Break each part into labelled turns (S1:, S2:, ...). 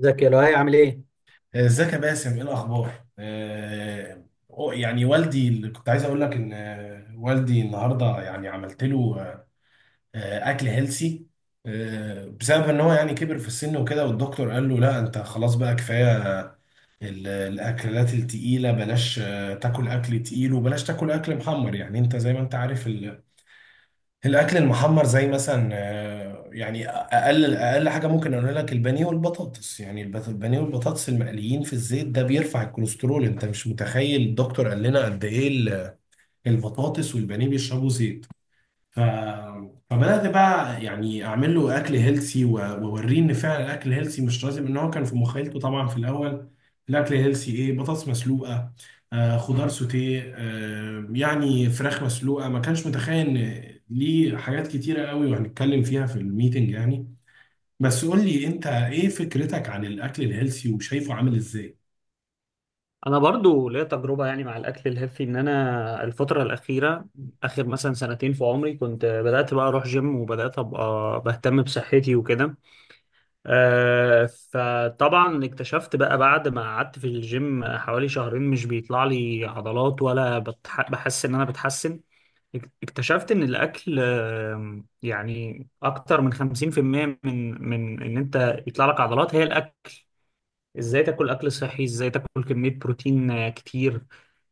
S1: ازيك يا لؤي عامل ايه؟
S2: ازيك يا باسم، ايه الاخبار؟ آه، يعني والدي، اللي كنت عايز اقول لك ان والدي النهارده يعني عملت له اكل هيلسي، بسبب ان هو يعني كبر في السن وكده، والدكتور قال له لا انت خلاص بقى كفايه. الاكلات التقيله بلاش، تاكل اكل تقيل وبلاش تاكل اكل محمر، يعني انت زي ما انت عارف. الاكل المحمر زي مثلا يعني اقل اقل حاجه ممكن اقول لك البانيه والبطاطس، يعني البانيه والبطاطس المقليين في الزيت ده بيرفع الكوليسترول. انت مش متخيل الدكتور قال لنا قد ايه البطاطس والبانيه بيشربوا زيت. ف... فبدأت بقى يعني أعمل له أكل هيلسي وأوريه إن فعلا الأكل هيلسي مش لازم، إن هو كان في مخيلته طبعا في الأول الأكل هيلسي إيه؟ بطاطس مسلوقة، خضار سوتيه، يعني فراخ مسلوقة. ما كانش متخيل إن ليه حاجات كتيرة قوي، وهنتكلم فيها في الميتنج يعني. بس قول لي أنت، إيه فكرتك عن الأكل الهيلسي وشايفه عامل إزاي؟
S1: انا برضو ليا تجربه يعني مع الاكل الهيلثي ان انا الفتره الاخيره اخر مثلا سنتين في عمري كنت بدات بقى اروح جيم وبدات ابقى بهتم بصحتي وكده. آه، فطبعا اكتشفت بقى بعد ما قعدت في الجيم حوالي شهرين مش بيطلع لي عضلات ولا بحس ان انا بتحسن. اكتشفت ان الاكل، يعني اكتر من 50% من ان انت يطلع لك عضلات هي الاكل. ازاي تاكل اكل صحي، ازاي تاكل كمية بروتين كتير.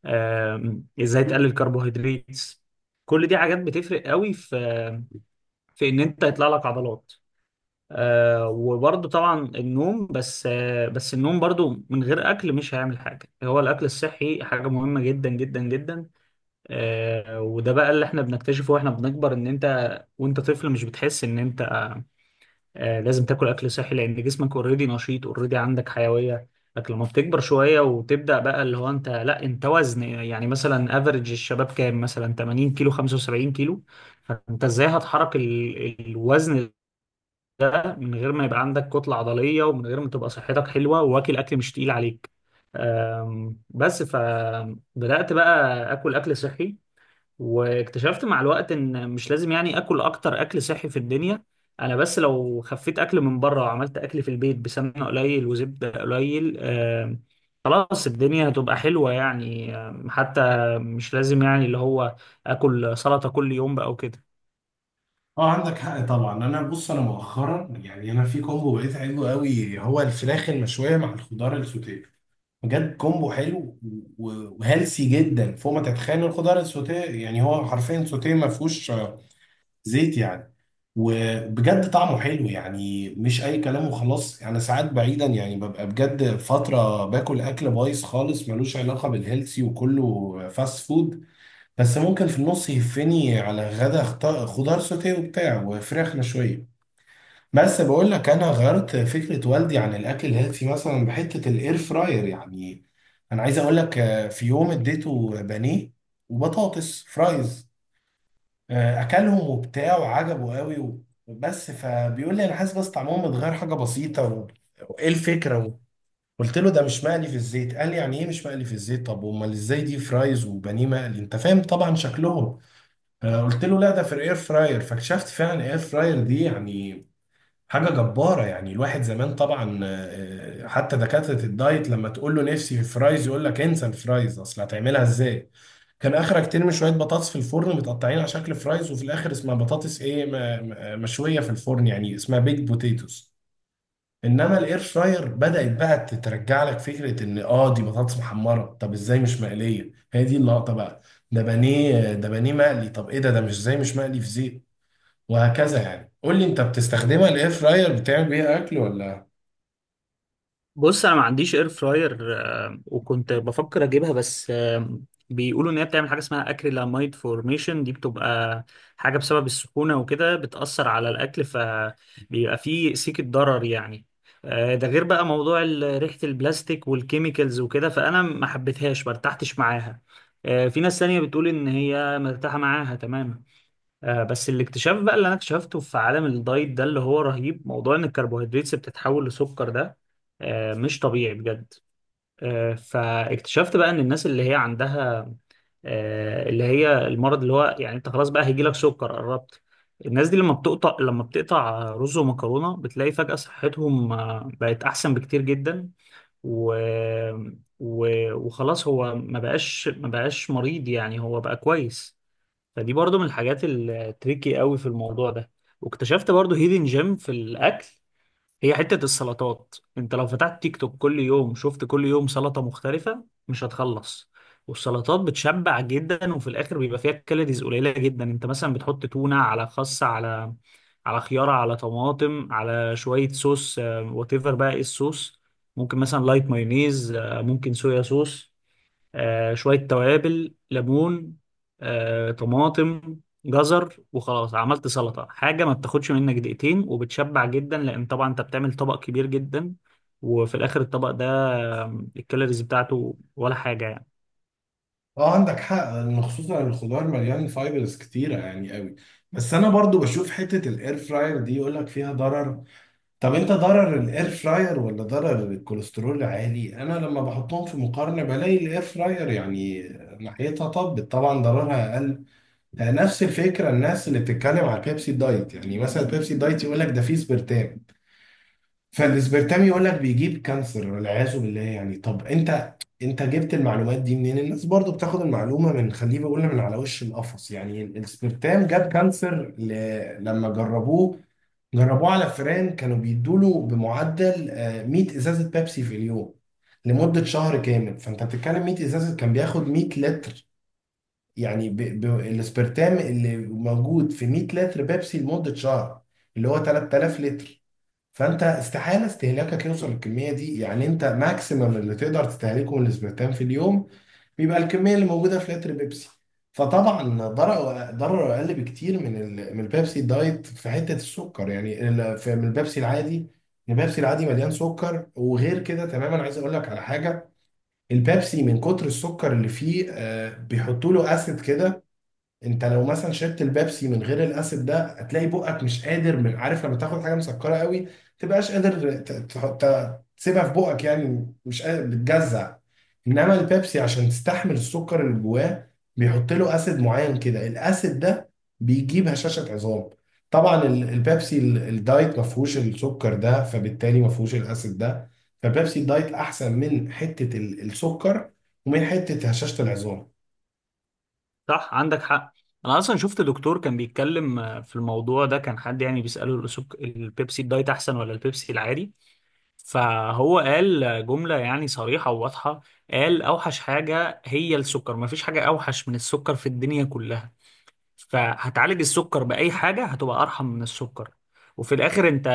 S1: ازاي تقلل كربوهيدرات. كل دي حاجات بتفرق قوي في ان انت يطلع لك عضلات. وبرضه طبعا النوم، بس النوم برضه من غير اكل مش هيعمل حاجة. هو الاكل الصحي حاجة مهمة جدا جدا جدا. وده بقى اللي احنا بنكتشفه واحنا بنكبر، ان انت وانت طفل مش بتحس ان انت لازم تاكل اكل صحي لان جسمك اوريدي نشيط اوريدي عندك حيويه. لكن لما بتكبر شويه وتبدا بقى اللي هو انت لا انت وزن يعني، مثلا افريج الشباب كام؟ مثلا 80 كيلو، 75 كيلو. فانت ازاي هتحرك الوزن ده من غير ما يبقى عندك كتله عضليه ومن غير ما تبقى صحتك حلوه واكل اكل مش تقيل عليك. بس فبدات بقى اكل اكل صحي واكتشفت مع الوقت ان مش لازم يعني اكل اكتر اكل صحي في الدنيا. انا بس لو خفيت اكل من بره وعملت اكل في البيت بسمنه قليل وزبده قليل خلاص الدنيا هتبقى حلوه يعني. حتى مش لازم يعني اللي هو اكل سلطه كل يوم بقى وكده.
S2: اه، عندك حق طبعا. انا بص، انا مؤخرا يعني انا في كومبو بقيت عايزه قوي، هو الفراخ المشويه مع الخضار السوتيه. بجد كومبو حلو و- وهيلسي جدا فوق ما تتخيل. الخضار السوتيه يعني هو حرفيا سوتيه، ما فيهوش زيت يعني. وبجد طعمه حلو يعني مش اي كلام وخلاص. انا ساعات بعيدا يعني ببقى بجد فتره باكل اكل بايظ خالص، ملوش علاقه بالهيلسي وكله فاست فود. بس ممكن في النص يهفني على غدا خضار سوتيه وبتاع وفراخ مشويه. بس بقول لك، انا غيرت فكره والدي عن الاكل الهيلثي، مثلا بحته الاير فراير يعني. انا عايز اقول لك، في يوم اديته بانيه وبطاطس فرايز. اكلهم وبتاع وعجبه قوي بس فبيقول لي انا حاسس بس طعمهم متغير حاجه بسيطه وايه الفكره قلت له ده مش مقلي في الزيت. قال لي يعني ايه مش مقلي في الزيت؟ طب امال ازاي؟ دي فرايز وبانيه مقلي، انت فاهم طبعا شكلهم. قلت له لا ده في الاير فراير. فاكتشفت فعلا الاير فراير دي يعني حاجة جبارة. يعني الواحد زمان طبعا، حتى دكاترة الدايت لما تقول له نفسي في فرايز، يقول لك انسى الفرايز اصل هتعملها ازاي؟ كان اخرك ترمي شوية بطاطس في الفرن متقطعين على شكل فرايز، وفي الاخر اسمها بطاطس ايه، مشوية في الفرن، يعني اسمها بيك بوتيتوس. انما الاير فراير بدأت بقى تترجع لك فكرة ان اه دي بطاطس محمرة، طب ازاي مش مقلية؟ هي دي اللقطة بقى. ده بانيه، ده بانيه مقلي، طب ايه ده مش، ازاي مش مقلي في زيت؟ وهكذا يعني. قول لي انت، بتستخدمها الاير فراير؟ بتعمل بيها اكل ولا؟
S1: بص انا ما عنديش اير فراير وكنت بفكر اجيبها، بس بيقولوا ان هي بتعمل حاجه اسمها اكريلاميد فورميشن. دي بتبقى حاجه بسبب السخونه وكده بتاثر على الاكل فبيبقى فيه سيكه ضرر يعني. ده غير بقى موضوع ريحه البلاستيك والكيميكالز وكده، فانا ما حبيتهاش، ما ارتحتش معاها. في ناس تانية بتقول ان هي مرتاحه معاها تمام. بس الاكتشاف بقى اللي انا اكتشفته في عالم الدايت ده اللي هو رهيب، موضوع ان الكربوهيدرات بتتحول لسكر ده مش طبيعي بجد. فاكتشفت بقى ان الناس اللي هي عندها اللي هي المرض اللي هو يعني انت خلاص بقى هيجيلك سكر، قربت. الناس دي لما بتقطع رز ومكرونة بتلاقي فجأة صحتهم بقت احسن بكتير جدا. و... و... وخلاص هو ما بقاش مريض يعني، هو بقى كويس. فدي برضو من الحاجات التريكي قوي في الموضوع ده. واكتشفت برضو هيدن جيم في الاكل. هي حتة السلطات، انت لو فتحت تيك توك كل يوم شفت كل يوم سلطة مختلفة مش هتخلص. والسلطات بتشبع جدا وفي الاخر بيبقى فيها كالوريز قليلة جدا. انت مثلا بتحط تونة على خس، على خيارة، على طماطم، على شوية صوص، وات ايفر بقى ايه الصوص. ممكن مثلا لايت مايونيز، ممكن صويا صوص، شوية توابل، ليمون، طماطم، جزر. وخلاص عملت سلطة، حاجة ما بتاخدش منك دقيقتين وبتشبع جدا، لأن طبعا أنت بتعمل طبق كبير جدا، وفي الآخر الطبق ده الكالوريز بتاعته ولا حاجة يعني.
S2: اه، عندك حق ان خصوصا الخضار مليان فايبرز كتيره يعني قوي. بس انا برضو بشوف حته الاير فراير دي يقول لك فيها ضرر. طب انت، ضرر الاير فراير ولا ضرر الكوليسترول عالي؟ انا لما بحطهم في مقارنه بلاقي الاير فراير يعني ناحيتها طبت طبعا ضررها اقل. نفس الفكره الناس اللي بتتكلم على البيبسي دايت، يعني مثلا البيبسي دايت يقول لك ده فيه سبرتام. فالاسبرتام يقول لك بيجيب كانسر والعياذ بالله يعني. طب انت جبت المعلومات دي منين؟ الناس برضو بتاخد المعلومه من خليه بيقول، من على وش القفص يعني. الاسبرتام جاب كانسر، لما جربوه على فئران كانوا بيدوا له بمعدل 100 ازازه بيبسي في اليوم لمده شهر كامل. فانت بتتكلم 100 ازازه، كان بياخد 100 لتر يعني، ب... ب... الاسبرتام اللي موجود في 100 لتر بيبسي لمدة شهر، اللي هو 3000 لتر. فانت استحالة استهلاكك يوصل للكمية دي يعني. انت ماكسيمم اللي تقدر تستهلكه من الاسبرتام في اليوم بيبقى الكمية اللي موجودة في لتر بيبسي. فطبعا ضرره اقل بكتير من من البيبسي دايت في حتة السكر، يعني من البيبسي العادي. البيبسي العادي مليان سكر. وغير كده تماما، عايز اقول لك على حاجة. البيبسي من كتر السكر اللي فيه، بيحطوا له اسيد كده. انت لو مثلا شربت البيبسي من غير الاسيد ده، هتلاقي بقك مش قادر، من عارف لما تاخد حاجه مسكره قوي تبقاش قادر تسيبها في بقك يعني مش قادر، بتجزع. انما البيبسي عشان تستحمل السكر اللي جواه، بيحط له اسيد معين كده. الاسيد ده بيجيب هشاشه عظام. طبعا البيبسي الدايت ما فيهوش السكر ده، فبالتالي ما فيهوش الاسيد ده. فبيبسي الدايت احسن من حته السكر، ومن حته هشاشه العظام.
S1: صح، عندك حق. أنا أصلا شفت دكتور كان بيتكلم في الموضوع ده، كان حد يعني بيسأله البيبسي الدايت أحسن ولا البيبسي العادي. فهو قال جملة يعني صريحة وواضحة. قال أوحش حاجة هي السكر، مفيش حاجة أوحش من السكر في الدنيا كلها. فهتعالج السكر بأي حاجة هتبقى أرحم من السكر. وفي الآخر أنت،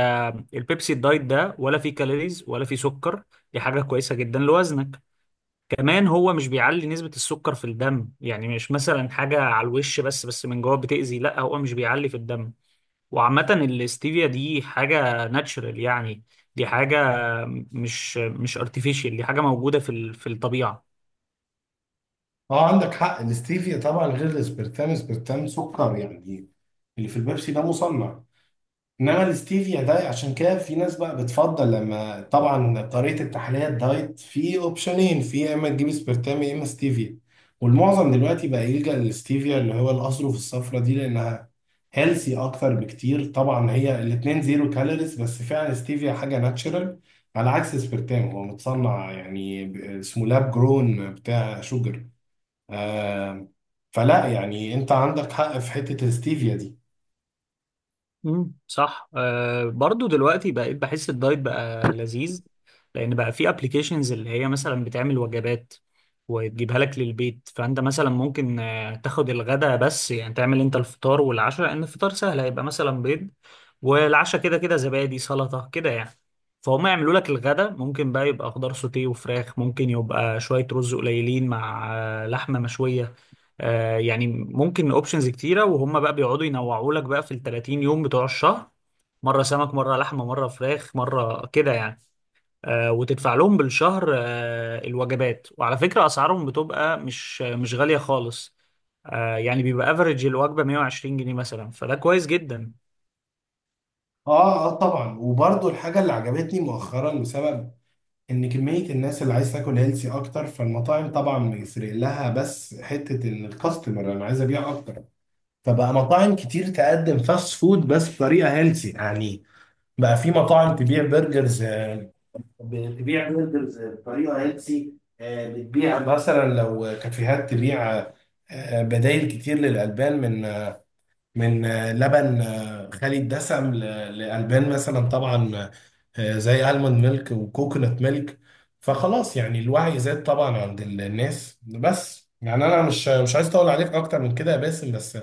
S1: البيبسي الدايت ده ولا فيه كالوريز ولا فيه سكر، دي حاجة كويسة جدا لوزنك. كمان هو مش بيعلي نسبة السكر في الدم، يعني مش مثلا حاجة على الوش بس من جوه بتأذي، لا هو مش بيعلي في الدم. وعامة الاستيفيا دي حاجة ناتشرال يعني، دي حاجة مش ارتفيشال، دي حاجة موجودة في الطبيعة.
S2: اه، عندك حق. الاستيفيا طبعا غير الاسبرتام، اسبرتام سكر يعني، اللي في البيبسي ده مصنع. انما الاستيفيا ده، عشان كده في ناس بقى بتفضل، لما طبعا طريقه التحليه الدايت في اوبشنين، في يا اما تجيب اسبرتام يا اما ستيفيا. والمعظم دلوقتي بقى يلجأ للاستيفيا، اللي هو الاظرف الصفرا دي، لانها هيلسي اكتر بكتير. طبعا هي الاتنين زيرو كالوريز، بس فعلا ستيفيا حاجه ناتشرال على عكس اسبرتام، هو متصنع يعني، اسمه لاب جرون بتاع شوجر. آم، فلا يعني، انت عندك حق في حتة الستيفيا دي.
S1: مم. صح. برضو دلوقتي بقيت بحس الدايت بقى لذيذ، لان بقى في ابلكيشنز اللي هي مثلا بتعمل وجبات وتجيبها لك للبيت. فانت مثلا ممكن تاخد الغداء بس يعني، تعمل انت الفطار والعشاء، لان الفطار سهل هيبقى مثلا بيض، والعشاء كده كده زبادي سلطة كده يعني. فهم يعملوا لك الغداء، ممكن بقى يبقى خضار سوتيه وفراخ، ممكن يبقى شوية رز قليلين مع لحمة مشوية، يعني ممكن اوبشنز كتيره. وهم بقى بيقعدوا ينوعوا لك بقى في ال 30 يوم بتوع الشهر، مره سمك مره لحمه مره فراخ مره كده يعني. وتدفع لهم بالشهر الوجبات، وعلى فكره اسعارهم بتبقى مش غاليه خالص. يعني بيبقى افريج الوجبه 120 جنيه مثلا، فده كويس جدا.
S2: اه، اه، طبعا. وبرضو الحاجة اللي عجبتني مؤخرا بسبب ان كمية الناس اللي عايز تاكل هيلسي اكتر، فالمطاعم طبعا بيفرق لها بس حتة ان الكاستمر انا عايز ابيع اكتر. فبقى مطاعم كتير تقدم فاست فود بس بطريقة هيلسي يعني. بقى في مطاعم تبيع برجرز، بتبيع برجرز بطريقة هيلسي. بتبيع مثلا لو كافيهات تبيع بدائل كتير للألبان، من لبن خالي الدسم لألبان مثلا طبعا، زي ألموند ميلك وكوكونات ميلك. فخلاص يعني الوعي زاد طبعا عند الناس. بس يعني أنا مش عايز أطول عليك أكتر من كده يا باسم، بس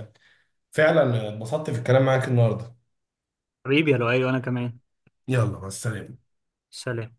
S2: فعلا اتبسطت في الكلام معاك النهاردة.
S1: حبيبي يا لؤي وانا كمان.
S2: يلا، مع السلامة.
S1: سلام.